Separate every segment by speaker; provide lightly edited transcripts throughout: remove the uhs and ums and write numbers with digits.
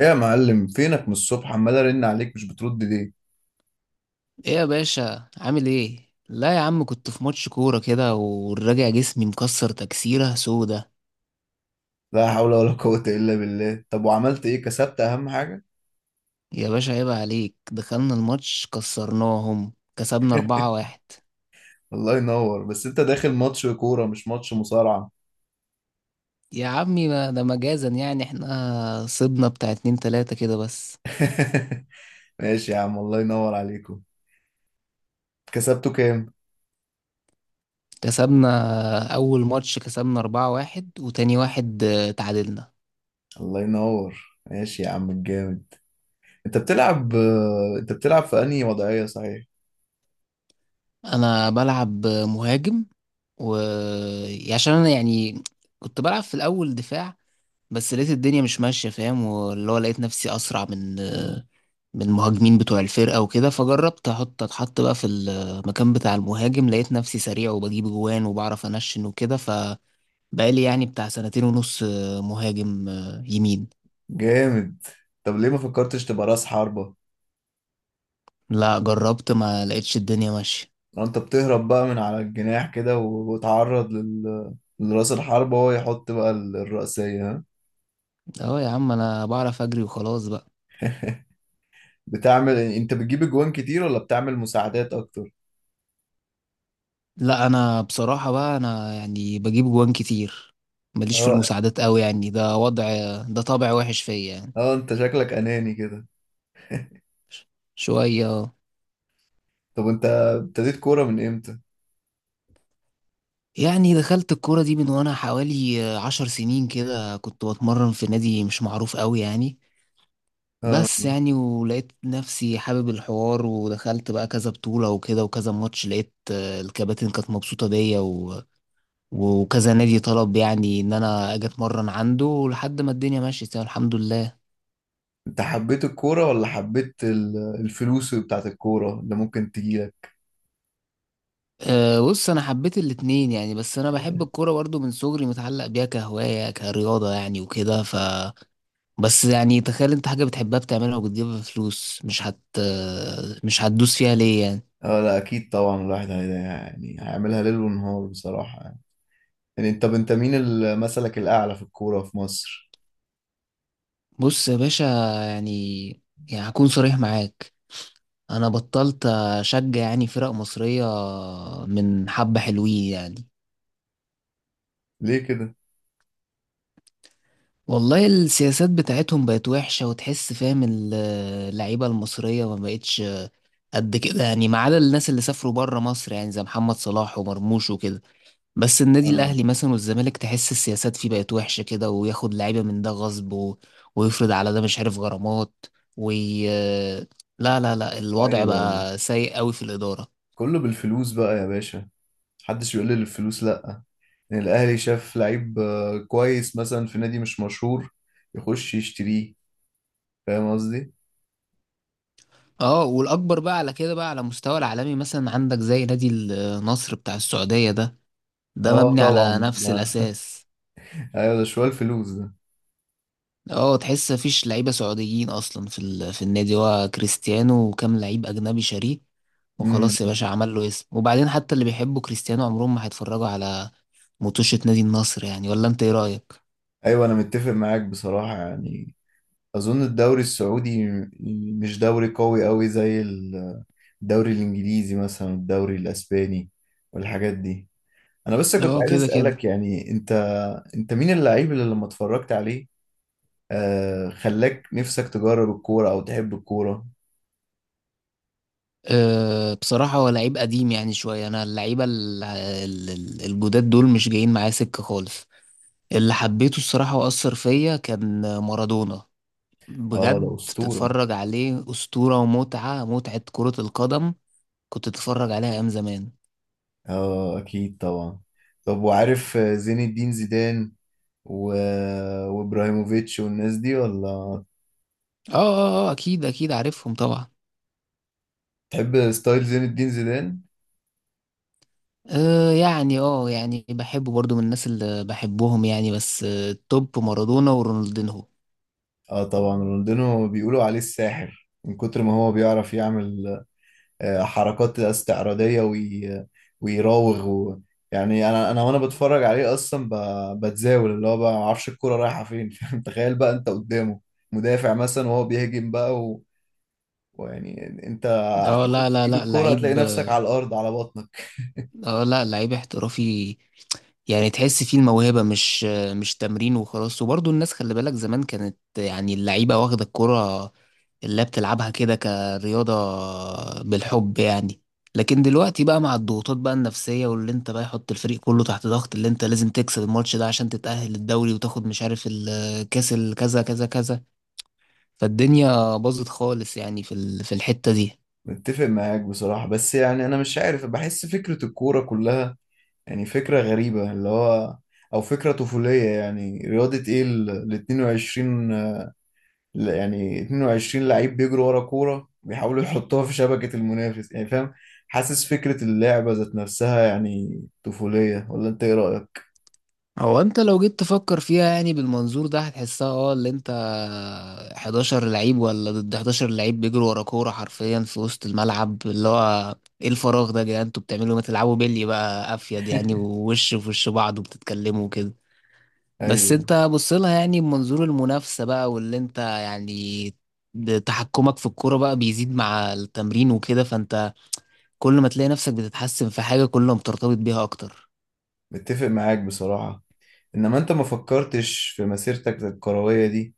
Speaker 1: ايه يا معلم، فينك من الصبح عمال ارن عليك مش بترد ليه؟
Speaker 2: ايه يا باشا، عامل ايه؟ لا يا عم، كنت في ماتش كورة كده والراجع جسمي مكسر تكسيرة سودة.
Speaker 1: لا حول ولا قوة الا بالله. طب وعملت ايه؟ كسبت اهم حاجة؟
Speaker 2: يا باشا عيب عليك، دخلنا الماتش كسرناهم كسبنا 4-1.
Speaker 1: الله ينور. بس انت داخل ماتش كورة مش ماتش مصارعة.
Speaker 2: يا عمي ما ده مجازا، يعني احنا صبنا بتاع اتنين تلاتة كده بس.
Speaker 1: ماشي يا عم، الله ينور عليكم. كسبته كام؟
Speaker 2: كسبنا أول ماتش كسبنا 4-1، وتاني واحد تعادلنا.
Speaker 1: الله ينور، ماشي يا عم الجامد. انت بتلعب، انت بتلعب في انهي وضعية صحيح؟
Speaker 2: أنا بلعب مهاجم. و عشان أنا يعني كنت بلعب في الأول دفاع، بس لقيت الدنيا مش ماشية، فاهم؟ واللي هو لقيت نفسي أسرع من المهاجمين بتوع الفرقة وكده، فجربت أتحط بقى في المكان بتاع المهاجم، لقيت نفسي سريع وبجيب جوان وبعرف أنشن وكده، فبقالي يعني بتاع سنتين ونص مهاجم يمين.
Speaker 1: جامد. طب ليه ما فكرتش تبقى راس حربة؟
Speaker 2: لا، جربت ما لقيتش الدنيا ماشية.
Speaker 1: انت بتهرب بقى من على الجناح كده وتعرض لل... لراس الحربة وهو يحط بقى الرأسية، ها.
Speaker 2: أهو يا عم، أنا بعرف أجري وخلاص بقى.
Speaker 1: بتعمل، انت بتجيب اجوان كتير ولا بتعمل مساعدات اكتر؟
Speaker 2: لا، أنا بصراحة بقى، أنا يعني بجيب جوان كتير، ماليش في
Speaker 1: اه.
Speaker 2: المساعدات قوي يعني، ده طبع وحش فيا يعني.
Speaker 1: اه، انت شكلك اناني كده.
Speaker 2: شوية.
Speaker 1: طب انت ابتديت كورة من امتى؟
Speaker 2: يعني دخلت الكورة دي من وأنا حوالي 10 سنين كده، كنت بتمرن في نادي مش معروف قوي يعني، بس يعني ولقيت نفسي حابب الحوار، ودخلت بقى كذا بطولة وكده وكذا ماتش، لقيت الكباتن كانت مبسوطة بيا وكذا نادي طلب يعني إن أنا أجي أتمرن عنده لحد ما الدنيا مشيت، يعني الحمد لله.
Speaker 1: انت حبيت الكورة ولا حبيت الفلوس بتاعت الكورة اللي ممكن تجيلك؟
Speaker 2: أه، بص أنا حبيت الاتنين يعني، بس أنا بحب الكورة برضه من صغري متعلق بيها كهواية كرياضة يعني وكده بس يعني تخيل انت حاجة بتحبها بتعملها وبتجيبها فلوس، مش هتدوس فيها ليه يعني؟
Speaker 1: اه لا اكيد طبعا، الواحد يعني هيعملها ليل ونهار بصراحة يعني، يعني انت، مين مثلك الاعلى في الكورة في مصر؟
Speaker 2: بص يا باشا، يعني يعني هكون صريح معاك. انا بطلت اشجع يعني فرق مصرية من حبة، حلوين يعني.
Speaker 1: ليه كده؟
Speaker 2: والله السياسات بتاعتهم بقت وحشة، وتحس فاهم اللعيبة المصرية ما بقتش قد كده يعني، ما عدا الناس اللي سافروا بره مصر يعني، زي محمد صلاح ومرموش وكده. بس النادي
Speaker 1: اه.
Speaker 2: الاهلي مثلا والزمالك تحس السياسات فيه بقت وحشه كده، وياخد لعيبه من ده غصب ويفرض على ده مش عارف غرامات وي... لا لا لا، الوضع
Speaker 1: ايوه ايوه،
Speaker 2: بقى سيء قوي في الاداره.
Speaker 1: كله بالفلوس بقى يا باشا. محدش يقول لي الفلوس لا. ان الاهلي شاف لعيب كويس مثلا في نادي مش مشهور، يخش يشتريه. فاهم قصدي.
Speaker 2: اه، والاكبر بقى على كده بقى على مستوى العالمي مثلا، عندك زي نادي النصر بتاع السعوديه ده
Speaker 1: اه
Speaker 2: مبني على
Speaker 1: طبعا
Speaker 2: نفس
Speaker 1: ده.
Speaker 2: الاساس.
Speaker 1: ايوه ده شوية الفلوس ده.
Speaker 2: اه، تحس مفيش لعيبه سعوديين اصلا في النادي، هو كريستيانو وكام لعيب اجنبي شاريه، وخلاص يا
Speaker 1: امم.
Speaker 2: باشا عمل له اسم، وبعدين حتى اللي بيحبوا كريستيانو عمرهم ما هيتفرجوا على مطوشة نادي النصر يعني، ولا انت ايه رأيك؟
Speaker 1: ايوه انا متفق معاك بصراحة يعني. اظن الدوري السعودي مش دوري قوي قوي زي الدوري الانجليزي مثلا، الدوري الاسباني، والحاجات دي. انا بس كنت
Speaker 2: اه
Speaker 1: عايز
Speaker 2: كده
Speaker 1: اسالك،
Speaker 2: كده.
Speaker 1: يعني انت، مين اللعيب اللي لما اتفرجت عليه خلاك نفسك تجرب الكورة او تحب الكورة؟
Speaker 2: أه، بصراحة هو لعيب قديم يعني شوية، أنا اللعيبة الجداد دول مش جايين معايا سكة خالص. اللي حبيته الصراحة وأثر فيا كان مارادونا،
Speaker 1: اه ده
Speaker 2: بجد
Speaker 1: اسطورة.
Speaker 2: بتتفرج عليه أسطورة، ومتعة متعة كرة القدم. كنت تتفرج عليها أيام زمان.
Speaker 1: اه اكيد طبعا. طب وعارف زين الدين زيدان و... وابراهيموفيتش والناس دي ولا؟
Speaker 2: اه، اه، اه، أكيد أكيد عارفهم طبعا.
Speaker 1: تحب ستايل زين الدين زيدان؟
Speaker 2: يعني بحبه برضو من الناس اللي بحبهم يعني، بس التوب مارادونا ورونالدينهو.
Speaker 1: اه طبعا، رونالدينو بيقولوا عليه الساحر من كتر ما هو بيعرف يعمل حركات استعراضية ويراوغ و... يعني انا وانا بتفرج عليه اصلا بتزاول، اللي هو بقى ما اعرفش الكرة رايحة فين. فاهم؟ تخيل بقى انت قدامه مدافع مثلا وهو بيهجم بقى، ويعني انت
Speaker 2: اه،
Speaker 1: هتحاول
Speaker 2: لا لا
Speaker 1: تجيب
Speaker 2: لا،
Speaker 1: الكوره، هتلاقي
Speaker 2: لعيب.
Speaker 1: نفسك على الارض على بطنك.
Speaker 2: اه، لا، لعيب احترافي، يعني تحس فيه الموهبة، مش تمرين وخلاص. وبرضه الناس خلي بالك زمان كانت يعني اللعيبة واخدة الكرة اللي بتلعبها كده كرياضة، بالحب يعني. لكن دلوقتي بقى مع الضغوطات بقى النفسية، واللي انت بقى يحط الفريق كله تحت ضغط، اللي انت لازم تكسب الماتش ده عشان تتأهل الدوري وتاخد مش عارف الكاس الكذا كذا كذا، فالدنيا باظت خالص يعني في الحتة دي.
Speaker 1: متفق معاك بصراحه، بس يعني انا مش عارف، بحس فكره الكوره كلها يعني فكره غريبه، اللي هو او فكره طفوليه يعني. رياضه ايه؟ ال 22، يعني 22 لعيب بيجروا ورا كوره بيحاولوا يحطوها في شبكه المنافس، يعني فاهم، حاسس فكره اللعبه ذات نفسها يعني طفوليه. ولا انت ايه رايك؟
Speaker 2: هو انت لو جيت تفكر فيها يعني بالمنظور ده هتحسها، اه، اللي انت 11 لعيب ولا ضد 11 لعيب بيجروا ورا كورة حرفيا في وسط الملعب، اللي هو ايه الفراغ ده يا جدعان، انتوا بتعملوا إيه؟ ما تلعبوا بيلي بقى افيد يعني، ووش في وش بعض وبتتكلموا كده. بس
Speaker 1: ايوه،
Speaker 2: انت بص لها يعني بمنظور المنافسة بقى، واللي انت يعني تحكمك في الكورة بقى بيزيد مع التمرين وكده، فانت كل ما تلاقي نفسك بتتحسن في حاجة كل ما بترتبط بيها اكتر.
Speaker 1: متفق معاك بصراحه. انما انت ما فكرتش في مسيرتك الكروية دي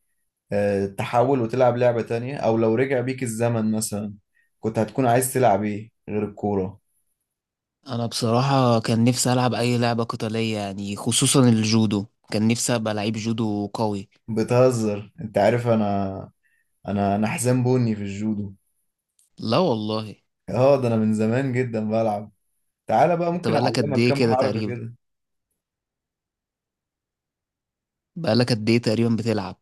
Speaker 1: تحول وتلعب لعبة تانية؟ او لو رجع بيك الزمن مثلا كنت هتكون عايز تلعب ايه غير الكورة؟
Speaker 2: انا بصراحة كان نفسي العب اي لعبة قتالية يعني، خصوصا الجودو. كان نفسي ابقى لعيب جودو قوي.
Speaker 1: بتهزر؟ انت عارف انا، انا حزام بني في الجودو.
Speaker 2: لا والله.
Speaker 1: اه، ده انا من زمان جدا بلعب. تعالى بقى
Speaker 2: انت
Speaker 1: ممكن
Speaker 2: بقالك قد
Speaker 1: اعلمك
Speaker 2: ايه
Speaker 1: كام
Speaker 2: كده
Speaker 1: حركة
Speaker 2: تقريبا
Speaker 1: كده.
Speaker 2: بقالك قد ايه تقريبا بتلعب؟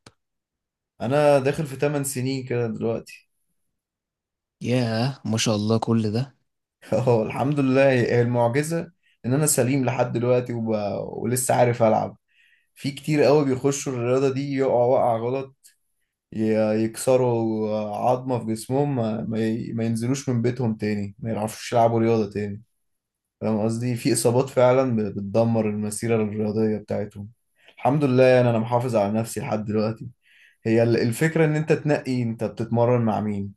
Speaker 1: انا داخل في 8 سنين كده دلوقتي.
Speaker 2: ياه، ما شاء الله كل ده!
Speaker 1: اه الحمد لله، هي المعجزة ان انا سليم لحد دلوقتي ولسه عارف العب. في كتير قوي بيخشوا الرياضة دي يقعوا وقع غلط، يكسروا عظمة في جسمهم، ما ما ينزلوش من بيتهم تاني، ما يعرفوش يلعبوا رياضة تاني. فاهم قصدي، في إصابات فعلا بتدمر المسيرة الرياضية بتاعتهم. الحمد لله يعني أنا محافظ على نفسي لحد دلوقتي. هي الفكرة إن أنت تنقي أنت بتتمرن مع مين.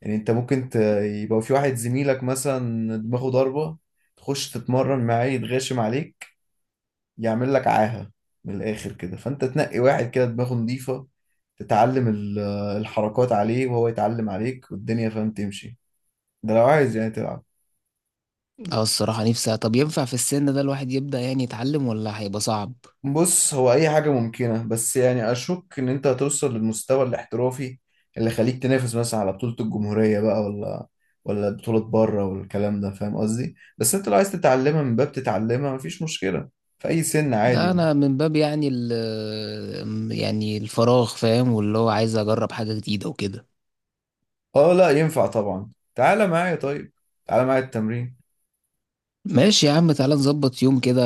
Speaker 1: يعني أنت ممكن يبقى في واحد زميلك مثلا دماغه ضربة، تخش تتمرن معاه يتغشم عليك، يعمل لك عاهة من الآخر كده. فأنت تنقي واحد كده دماغه نظيفة، تتعلم الحركات عليه وهو يتعلم عليك، والدنيا فاهم تمشي. ده لو عايز يعني تلعب.
Speaker 2: اه، الصراحة نفسي، طب ينفع في السن ده الواحد يبدأ يعني يتعلم ولا هيبقى صعب؟
Speaker 1: بص هو أي حاجة ممكنة، بس يعني أشك إن أنت هتوصل للمستوى الاحترافي اللي يخليك تنافس مثلا على بطولة الجمهورية بقى، ولا بطولة بره والكلام ده، فاهم قصدي. بس أنت لو عايز تتعلمها من باب تتعلمها مفيش مشكلة في أي سن،
Speaker 2: لا،
Speaker 1: عادي.
Speaker 2: انا من باب يعني يعني الفراغ، فاهم؟ واللي هو عايز اجرب حاجة جديدة وكده.
Speaker 1: اه لا ينفع طبعا، تعالى معايا طيب، تعالى معايا التمرين.
Speaker 2: ماشي يا عم، تعالى نظبط يوم كده،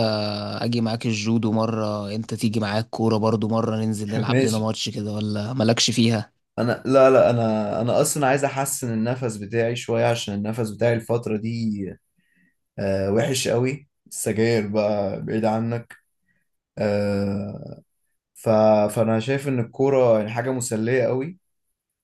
Speaker 2: اجي معاك الجودو مرة انت تيجي معاك كورة برضو مرة ننزل نلعب لنا
Speaker 1: ماشي.
Speaker 2: ماتش كده، ولا مالكش فيها؟
Speaker 1: انا لا لا، انا، اصلا عايز احسن النفس بتاعي شويه، عشان النفس بتاعي الفتره دي وحش قوي، السجاير بقى بعيد عنك. آه، ف فانا شايف ان الكوره يعني حاجه مسليه قوي،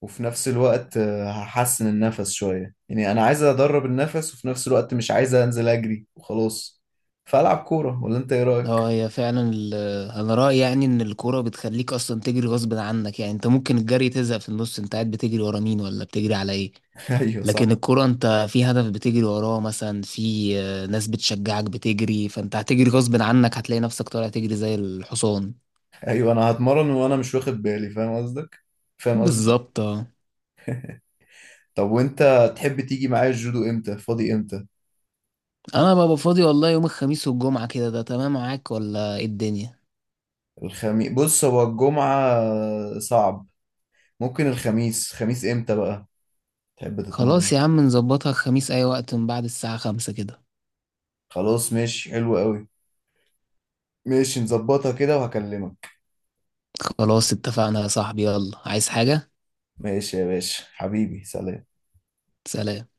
Speaker 1: وفي نفس الوقت هحسن النفس شويه. يعني انا عايز ادرب النفس وفي نفس الوقت مش عايز انزل اجري وخلاص، فالعب كوره. ولا انت ايه رايك؟
Speaker 2: اه، انا رأيي يعني ان الكورة بتخليك اصلا تجري غصب عنك، يعني انت ممكن الجري تزهق في النص، انت قاعد بتجري ورا مين ولا بتجري على ايه؟
Speaker 1: ايوه
Speaker 2: لكن
Speaker 1: صح.
Speaker 2: الكورة انت في هدف بتجري وراه، مثلا في ناس بتشجعك بتجري، فانت هتجري غصب عنك، هتلاقي نفسك طالع تجري زي الحصان.
Speaker 1: ايوه انا هتمرن وانا مش واخد بالي، فاهم قصدك، فاهم قصدي.
Speaker 2: بالظبط اه.
Speaker 1: طب وانت تحب تيجي معايا الجودو امتى؟ فاضي امتى؟
Speaker 2: انا ببقى فاضي والله يوم الخميس والجمعة كده، ده تمام معاك ولا ايه الدنيا؟
Speaker 1: الخميس، بص هو الجمعة صعب، ممكن الخميس. خميس امتى بقى تحب تتمرن؟
Speaker 2: خلاص يا عم، نظبطها الخميس اي وقت من بعد الساعة 5 كده.
Speaker 1: خلاص ماشي، حلو قوي. ماشي نظبطها كده وهكلمك.
Speaker 2: خلاص اتفقنا يا صاحبي، يلا عايز حاجة؟
Speaker 1: ماشي يا باشا حبيبي، سلام.
Speaker 2: سلام.